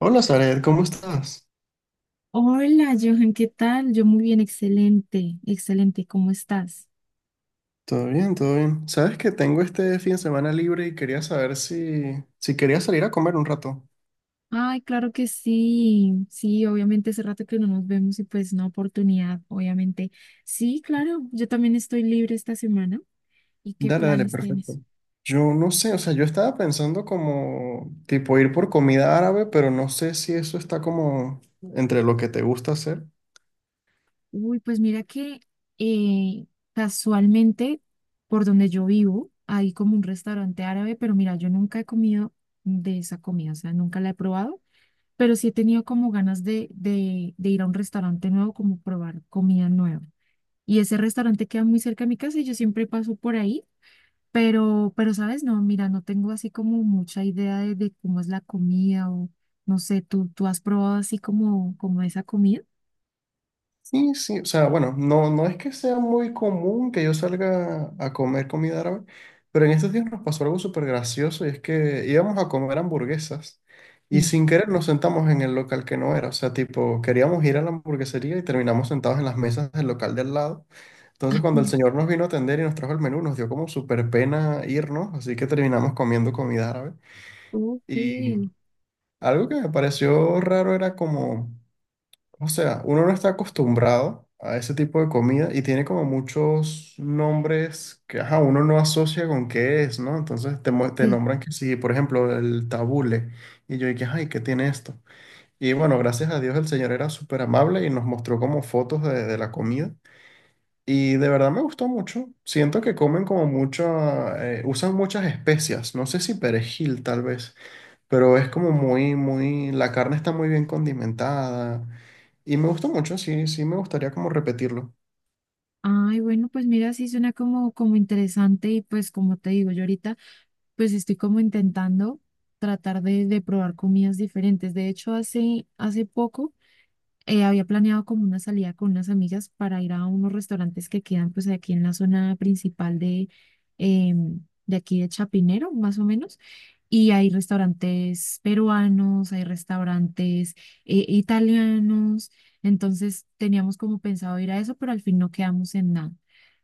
Hola, Zaret, ¿cómo estás? Hola, Johan, ¿qué tal? Yo muy bien, excelente, excelente, ¿cómo estás? Todo bien, todo bien. Sabes que tengo este fin de semana libre y quería saber si quería salir a comer un rato. Ay, claro que sí, sí, obviamente hace rato que no nos vemos y pues una oportunidad, obviamente. Sí, claro, yo también estoy libre esta semana. ¿Y qué Dale, dale, planes perfecto. tienes? Yo no sé, o sea, yo estaba pensando como tipo ir por comida árabe, pero no sé si eso está como entre lo que te gusta hacer. Uy, pues mira que eh, casualmente por donde yo vivo hay como un restaurante árabe, pero mira, yo nunca he comido de esa comida, o sea, nunca la he probado, pero sí he tenido como ganas de ir a un restaurante nuevo, como probar comida nueva. Y ese restaurante queda muy cerca de mi casa y yo siempre paso por ahí, pero, ¿sabes? No, mira, no tengo así como mucha idea de cómo es la comida o no sé, ¿tú has probado así como, como esa comida? Sí, sí, o sea, bueno, no, no es que sea muy común que yo salga a comer comida árabe, pero en estos días nos pasó algo súper gracioso y es que íbamos a comer hamburguesas y Sí. sin querer nos sentamos en el local que no era, o sea, tipo, queríamos ir a la hamburguesería y terminamos sentados en las mesas del local del lado. Ah, Entonces, cuando el no. señor nos vino a atender y nos trajo el menú, nos dio como súper pena irnos, así que terminamos comiendo comida árabe. Ok. Y algo que me pareció raro era como, o sea, uno no está acostumbrado a ese tipo de comida y tiene como muchos nombres que ajá, uno no asocia con qué es, ¿no? Entonces te, te Sí. nombran que sí, por ejemplo, el tabule. Y yo dije, ay, ¿qué tiene esto? Y bueno, gracias a Dios el señor era súper amable y nos mostró como fotos de la comida. Y de verdad me gustó mucho. Siento que comen como mucho, usan muchas especias. No sé si perejil, tal vez, pero es como muy, muy, la carne está muy bien condimentada y me gustó mucho, sí, sí me gustaría como repetirlo. Ay, bueno, pues mira, sí suena como, como interesante y pues como te digo, yo ahorita pues estoy como intentando tratar de probar comidas diferentes. De hecho, hace poco había planeado como una salida con unas amigas para ir a unos restaurantes que quedan pues aquí en la zona principal de, em, de aquí de Chapinero, más o menos. Y hay restaurantes peruanos, hay restaurantes italianos. Entonces teníamos como pensado ir a eso, pero al fin no quedamos en nada.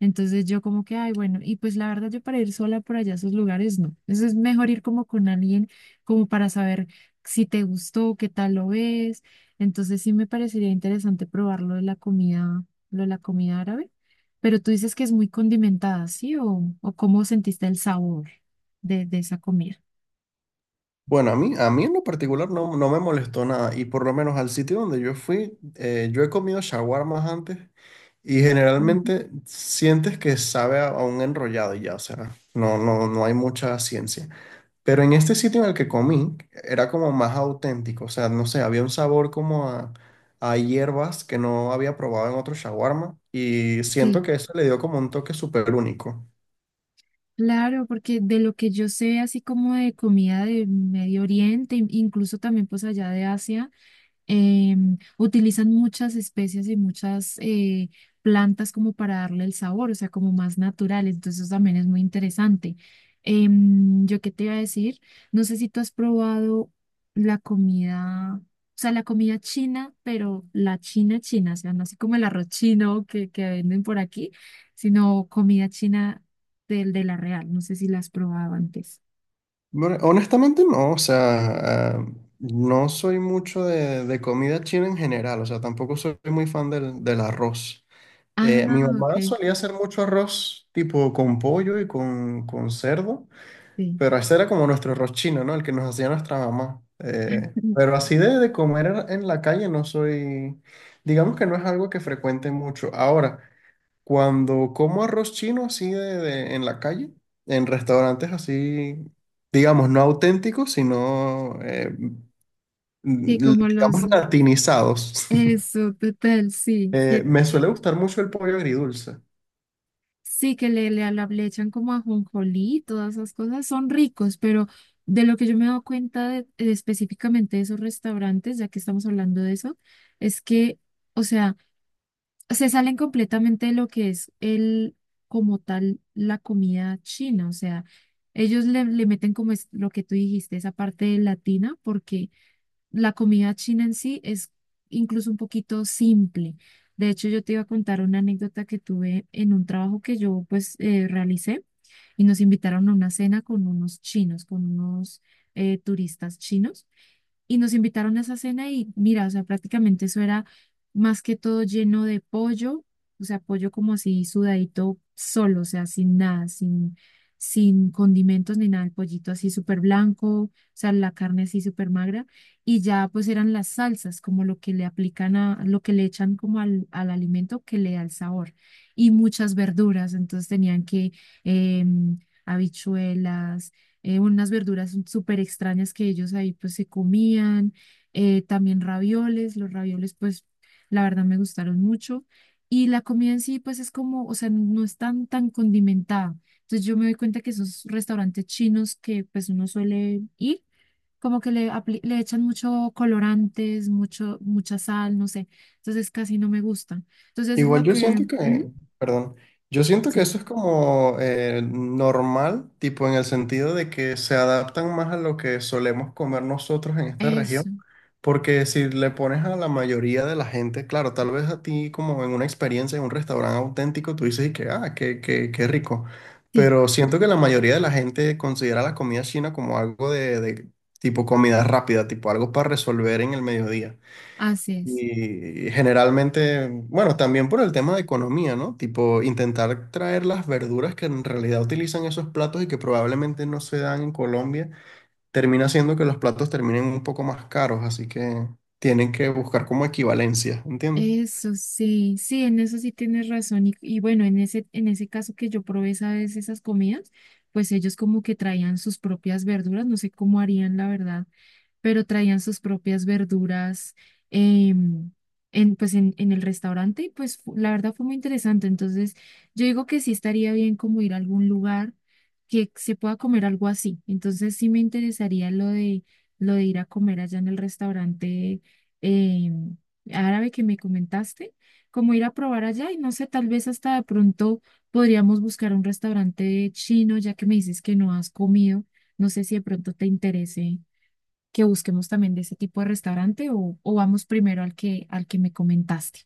Entonces yo como que, ay, bueno, y pues la verdad yo para ir sola por allá a esos lugares no. Eso es mejor ir como con alguien, como para saber si te gustó, qué tal lo ves, entonces sí me parecería interesante probar lo de la comida, lo de la comida árabe. Pero tú dices que es muy condimentada, ¿sí? O cómo sentiste el sabor de esa comida? Bueno, a mí en lo particular no, no me molestó nada y por lo menos al sitio donde yo fui, yo he comido shawarmas antes y Ujú. generalmente sientes que sabe a un enrollado y ya, o sea, no, no, no hay mucha ciencia. Pero en este sitio en el que comí era como más auténtico, o sea, no sé, había un sabor como a hierbas que no había probado en otro shawarma y siento Sí, que eso le dio como un toque súper único. claro, porque de lo que yo sé, así como de comida de Medio Oriente, incluso también pues allá de Asia. Em, utilizan muchas especies y muchas plantas como para darle el sabor, o sea, como más natural. Entonces, eso también es muy interesante. Em, yo qué te iba a decir, no sé si tú has probado la comida, o sea, la comida china, pero la china china, o sea, no así como el arroz chino que venden por aquí, sino comida china del de la real. No sé si la has probado antes. Bueno, honestamente no, o sea, no soy mucho de comida china en general, o sea, tampoco soy muy fan del arroz. Mi Ah, ok. mamá solía hacer mucho arroz tipo con pollo y con cerdo. Sí. Pero ese era como nuestro arroz chino, ¿no? El que nos hacía nuestra mamá. Pero así de, comer en la calle no soy, digamos que no es algo que frecuente mucho. Ahora, cuando como arroz chino así de, en la calle, en restaurantes así, digamos, no auténticos, sino, Sí, como los, digamos, latinizados, eso, total, me suele gustar mucho el pollo agridulce. sí, que le, le echan como ajonjolí, todas esas cosas son ricos, pero de lo que yo me he dado cuenta de específicamente de esos restaurantes, ya que estamos hablando de eso, es que, o sea, se salen completamente de lo que es el, como tal, la comida china, o sea, ellos le, le meten como es lo que tú dijiste, esa parte latina, porque la comida china en sí es incluso un poquito simple. De hecho, yo te iba a contar una anécdota que tuve en un trabajo que yo pues realicé y nos invitaron a una cena con unos chinos, con unos turistas chinos y nos invitaron a esa cena y mira, o sea, prácticamente eso era más que todo lleno de pollo, o sea, pollo como así sudadito solo, o sea, sin nada, sin, sin condimentos ni nada, el pollito así súper blanco, o sea, la carne así súper magra y ya pues eran las salsas, como lo que le aplican a, lo que le echan como al, al alimento que le da el sabor y muchas verduras, entonces tenían que... em, habichuelas, unas verduras súper extrañas que ellos ahí pues se comían, también ravioles, los ravioles pues la verdad me gustaron mucho y la comida en sí pues es como, o sea, no es tan, tan condimentada. Entonces yo me doy cuenta que esos restaurantes chinos que pues uno suele ir, como que le, le echan mucho colorantes, mucho, mucha sal, no sé, entonces casi no me gustan. Entonces es Igual lo yo que, siento que, ujú, perdón, yo siento que sí, eso es como normal, tipo en el sentido de que se adaptan más a lo que solemos comer nosotros en esta región, eso, porque si le pones a la mayoría de la gente, claro, tal vez a ti como en una experiencia en un restaurante auténtico, tú dices y que, ah, qué, qué, qué rico, sí, pero siento que la mayoría de la gente considera la comida china como algo de tipo comida rápida, tipo algo para resolver en el mediodía. así es. Y generalmente, bueno, también por el tema de economía, ¿no? Tipo, intentar traer las verduras que en realidad utilizan esos platos y que probablemente no se dan en Colombia, termina haciendo que los platos terminen un poco más caros, así que tienen que buscar como equivalencia, ¿entiendes? Eso sí, sí, en eso sí tienes razón. Y bueno, en ese caso que yo probé esa vez esas comidas, pues ellos como que traían sus propias verduras, no sé cómo harían, la verdad, pero traían sus propias verduras, em, en, pues en el restaurante y pues la verdad fue muy interesante. Entonces yo digo que sí estaría bien como ir a algún lugar que se pueda comer algo así. Entonces sí me interesaría lo de ir a comer allá en el restaurante, em, árabe que me comentaste, como ir a probar allá y no sé, tal vez hasta de pronto podríamos buscar un restaurante chino ya que me dices que no has comido. ¿No sé si de pronto te interese que busquemos también de ese tipo de restaurante o vamos primero al que me comentaste?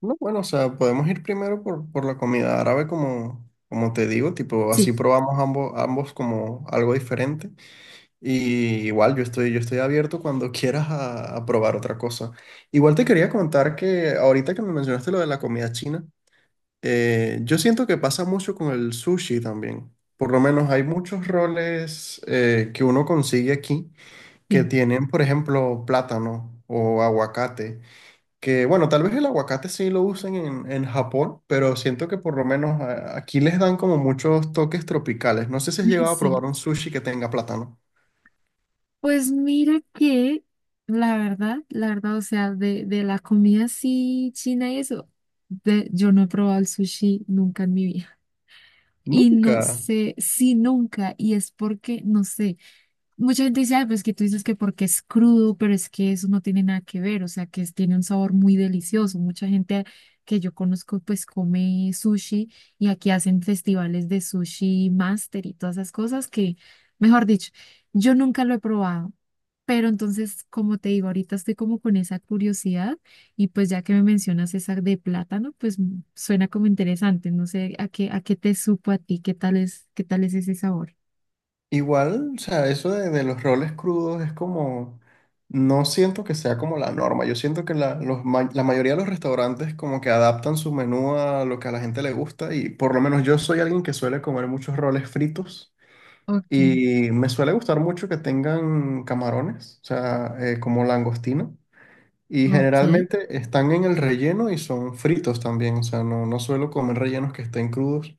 No, bueno, o sea, podemos ir primero por la comida árabe, como, como te digo, tipo, Sí, así probamos ambos, ambos como algo diferente. Y igual yo estoy abierto cuando quieras a probar otra cosa. Igual te quería contar que ahorita que me mencionaste lo de la comida china, yo siento que pasa mucho con el sushi también. Por lo menos hay muchos roles que uno consigue aquí que sí, tienen, por ejemplo, plátano o aguacate. Que bueno, tal vez el aguacate sí lo usen en Japón, pero siento que por lo menos aquí les dan como muchos toques tropicales. No sé si has llegado a sí. probar un sushi que tenga plátano. Pues mira que la verdad, o sea, de la comida así china y eso, de, yo no he probado el sushi nunca en mi vida. Y no Nunca. sé si nunca, y es porque, no sé. Mucha gente dice, "Ay, pues que tú dices que porque es crudo, pero es que eso no tiene nada que ver, o sea, que tiene un sabor muy delicioso. Mucha gente que yo conozco, pues come sushi y aquí hacen festivales de sushi master y todas esas cosas que, mejor dicho, yo nunca lo he probado. Pero entonces, como te digo, ahorita estoy como con esa curiosidad y pues ya que me mencionas esa de plátano, pues mm, suena como interesante. No sé a qué te supo a ti, qué tal es ese sabor. Igual, o sea, eso de los roles crudos es como, no siento que sea como la norma. Yo siento que la, la mayoría de los restaurantes como que adaptan su menú a lo que a la gente le gusta y por lo menos yo soy alguien que suele comer muchos roles fritos Ok, y me suele gustar mucho que tengan camarones, o sea, como langostino. Y ok. generalmente están en el relleno y son fritos también, o sea, no, no suelo comer rellenos que estén crudos.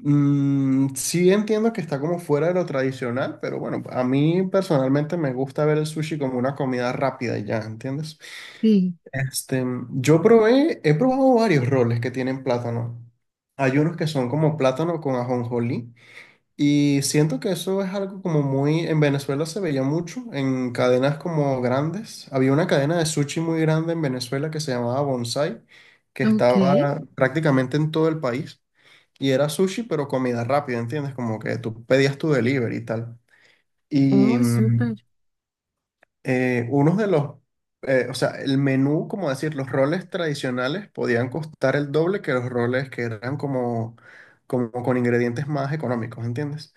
Mm, sí entiendo que está como fuera de lo tradicional, pero bueno, a mí personalmente me gusta ver el sushi como una comida rápida y ya, ¿entiendes? Sí, Este, he probado varios roles que tienen plátano. Hay unos que son como plátano con ajonjolí y siento que eso es algo como muy, en Venezuela se veía mucho, en cadenas como grandes. Había una cadena de sushi muy grande en Venezuela que se llamaba Bonsai, que ok. estaba prácticamente en todo el país. Y era sushi, pero comida rápida, ¿entiendes? Como que tú pedías tu delivery y tal. Y Oh, mm, súper. Unos de los, o sea, el menú, como decir, los roles tradicionales podían costar el doble que los roles que eran como, como con ingredientes más económicos, ¿entiendes?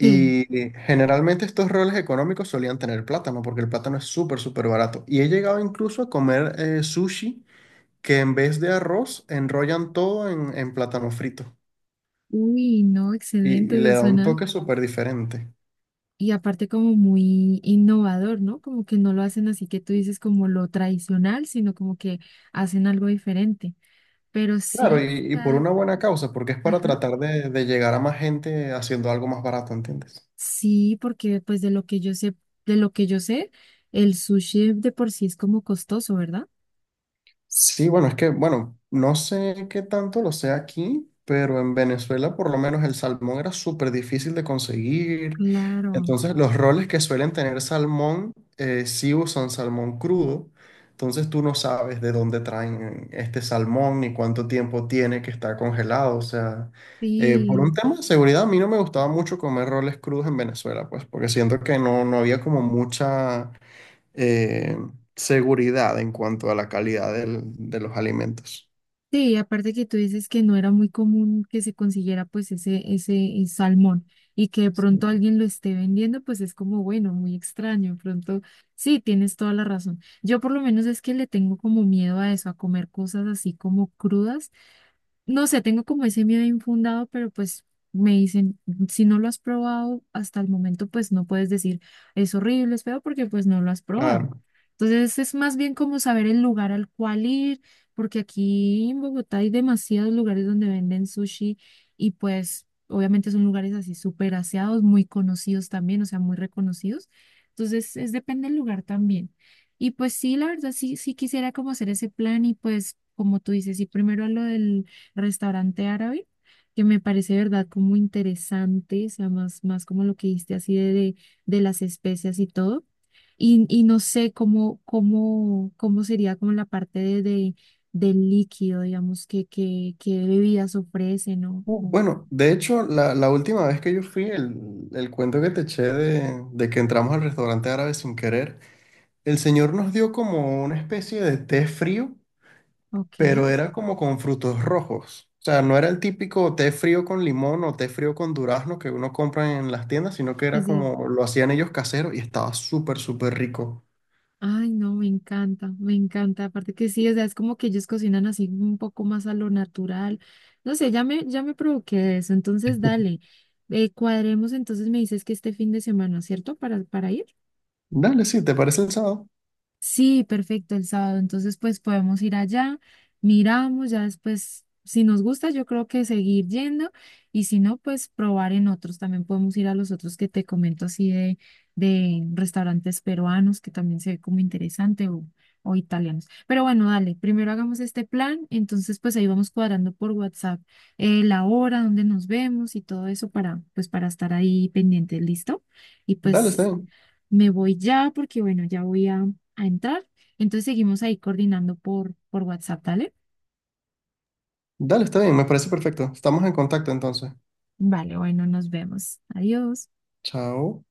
Sí. Generalmente estos roles económicos solían tener plátano, porque el plátano es súper, súper barato. Y he llegado incluso a comer sushi que en vez de arroz enrollan todo en plátano frito. Uy, no, Y, excelente, y le eso da un suena. toque súper diferente. Y aparte como muy innovador, ¿no? Como que no lo hacen así que tú dices como lo tradicional, sino como que hacen algo diferente. Pero Claro, sí, y por ah, una buena causa, porque es para ajá. tratar de llegar a más gente haciendo algo más barato, ¿entiendes? Sí, porque pues de lo que yo sé, de lo que yo sé, el sushi de por sí es como costoso, ¿verdad? Sí, bueno, es que, bueno, no sé qué tanto lo sea aquí, pero en Venezuela por lo menos el salmón era súper difícil de conseguir. Claro. Entonces los roles que suelen tener salmón sí usan salmón crudo. Entonces tú no sabes de dónde traen este salmón ni cuánto tiempo tiene que estar congelado. O sea, por un Sí. tema de seguridad a mí no me gustaba mucho comer roles crudos en Venezuela, pues porque siento que no, no había como mucha eh, seguridad en cuanto a la calidad de los alimentos. Sí, aparte que tú dices que no era muy común que se consiguiera pues ese salmón y que de pronto Sí. alguien lo esté vendiendo, pues es como, bueno, muy extraño. De pronto, sí, tienes toda la razón. Yo por lo menos es que le tengo como miedo a eso, a comer cosas así como crudas, no sé, tengo como ese miedo infundado, pero pues me dicen, si no lo has probado hasta el momento, pues no puedes decir es horrible, es feo, porque pues no lo has probado. Claro. Entonces es más bien como saber el lugar al cual ir, porque aquí en Bogotá hay demasiados lugares donde venden sushi y pues obviamente son lugares así súper aseados, muy conocidos también, o sea, muy reconocidos. Entonces es depende del lugar también. Y pues sí, la verdad, sí, sí quisiera como hacer ese plan y pues como tú dices, y primero a lo del restaurante árabe, que me parece, ¿verdad? Como interesante, o sea, más, más como lo que dijiste así de las especias y todo. Y no sé cómo, cómo, cómo sería como la parte de, del líquido, digamos, que bebidas ofrecen, ¿no? O- Bueno, de hecho, la última vez que yo fui, el cuento que te eché de que entramos al restaurante árabe sin querer, el señor nos dio como una especie de té frío, Ok. pero era como con frutos rojos. O sea, no era el típico té frío con limón o té frío con durazno que uno compra en las tiendas, sino que era como lo hacían ellos casero y estaba súper, súper rico. Ay, no, me encanta, me encanta. Aparte que sí, o sea, es como que ellos cocinan así un poco más a lo natural. No sé, ya me provoqué eso. Entonces, dale, cuadremos. Entonces me dices que este fin de semana, ¿cierto? Para ir. Dale, sí, ¿te parece el sábado? Sí, perfecto, el sábado. Entonces, pues podemos ir allá, miramos, ya después, si nos gusta, yo creo que seguir yendo y si no, pues probar en otros. También podemos ir a los otros que te comento así de restaurantes peruanos, que también se ve como interesante o italianos. Pero bueno, dale, primero hagamos este plan, entonces pues ahí vamos cuadrando por WhatsApp la hora, dónde nos vemos y todo eso para, pues para estar ahí pendientes, ¿listo? Y Dale, está pues bien. me voy ya porque, bueno, ya voy a entrar. Entonces seguimos ahí coordinando por WhatsApp, ¿dale? Dale, está bien, me parece perfecto. Estamos en contacto entonces. Vale, bueno, nos vemos. Adiós. Chao.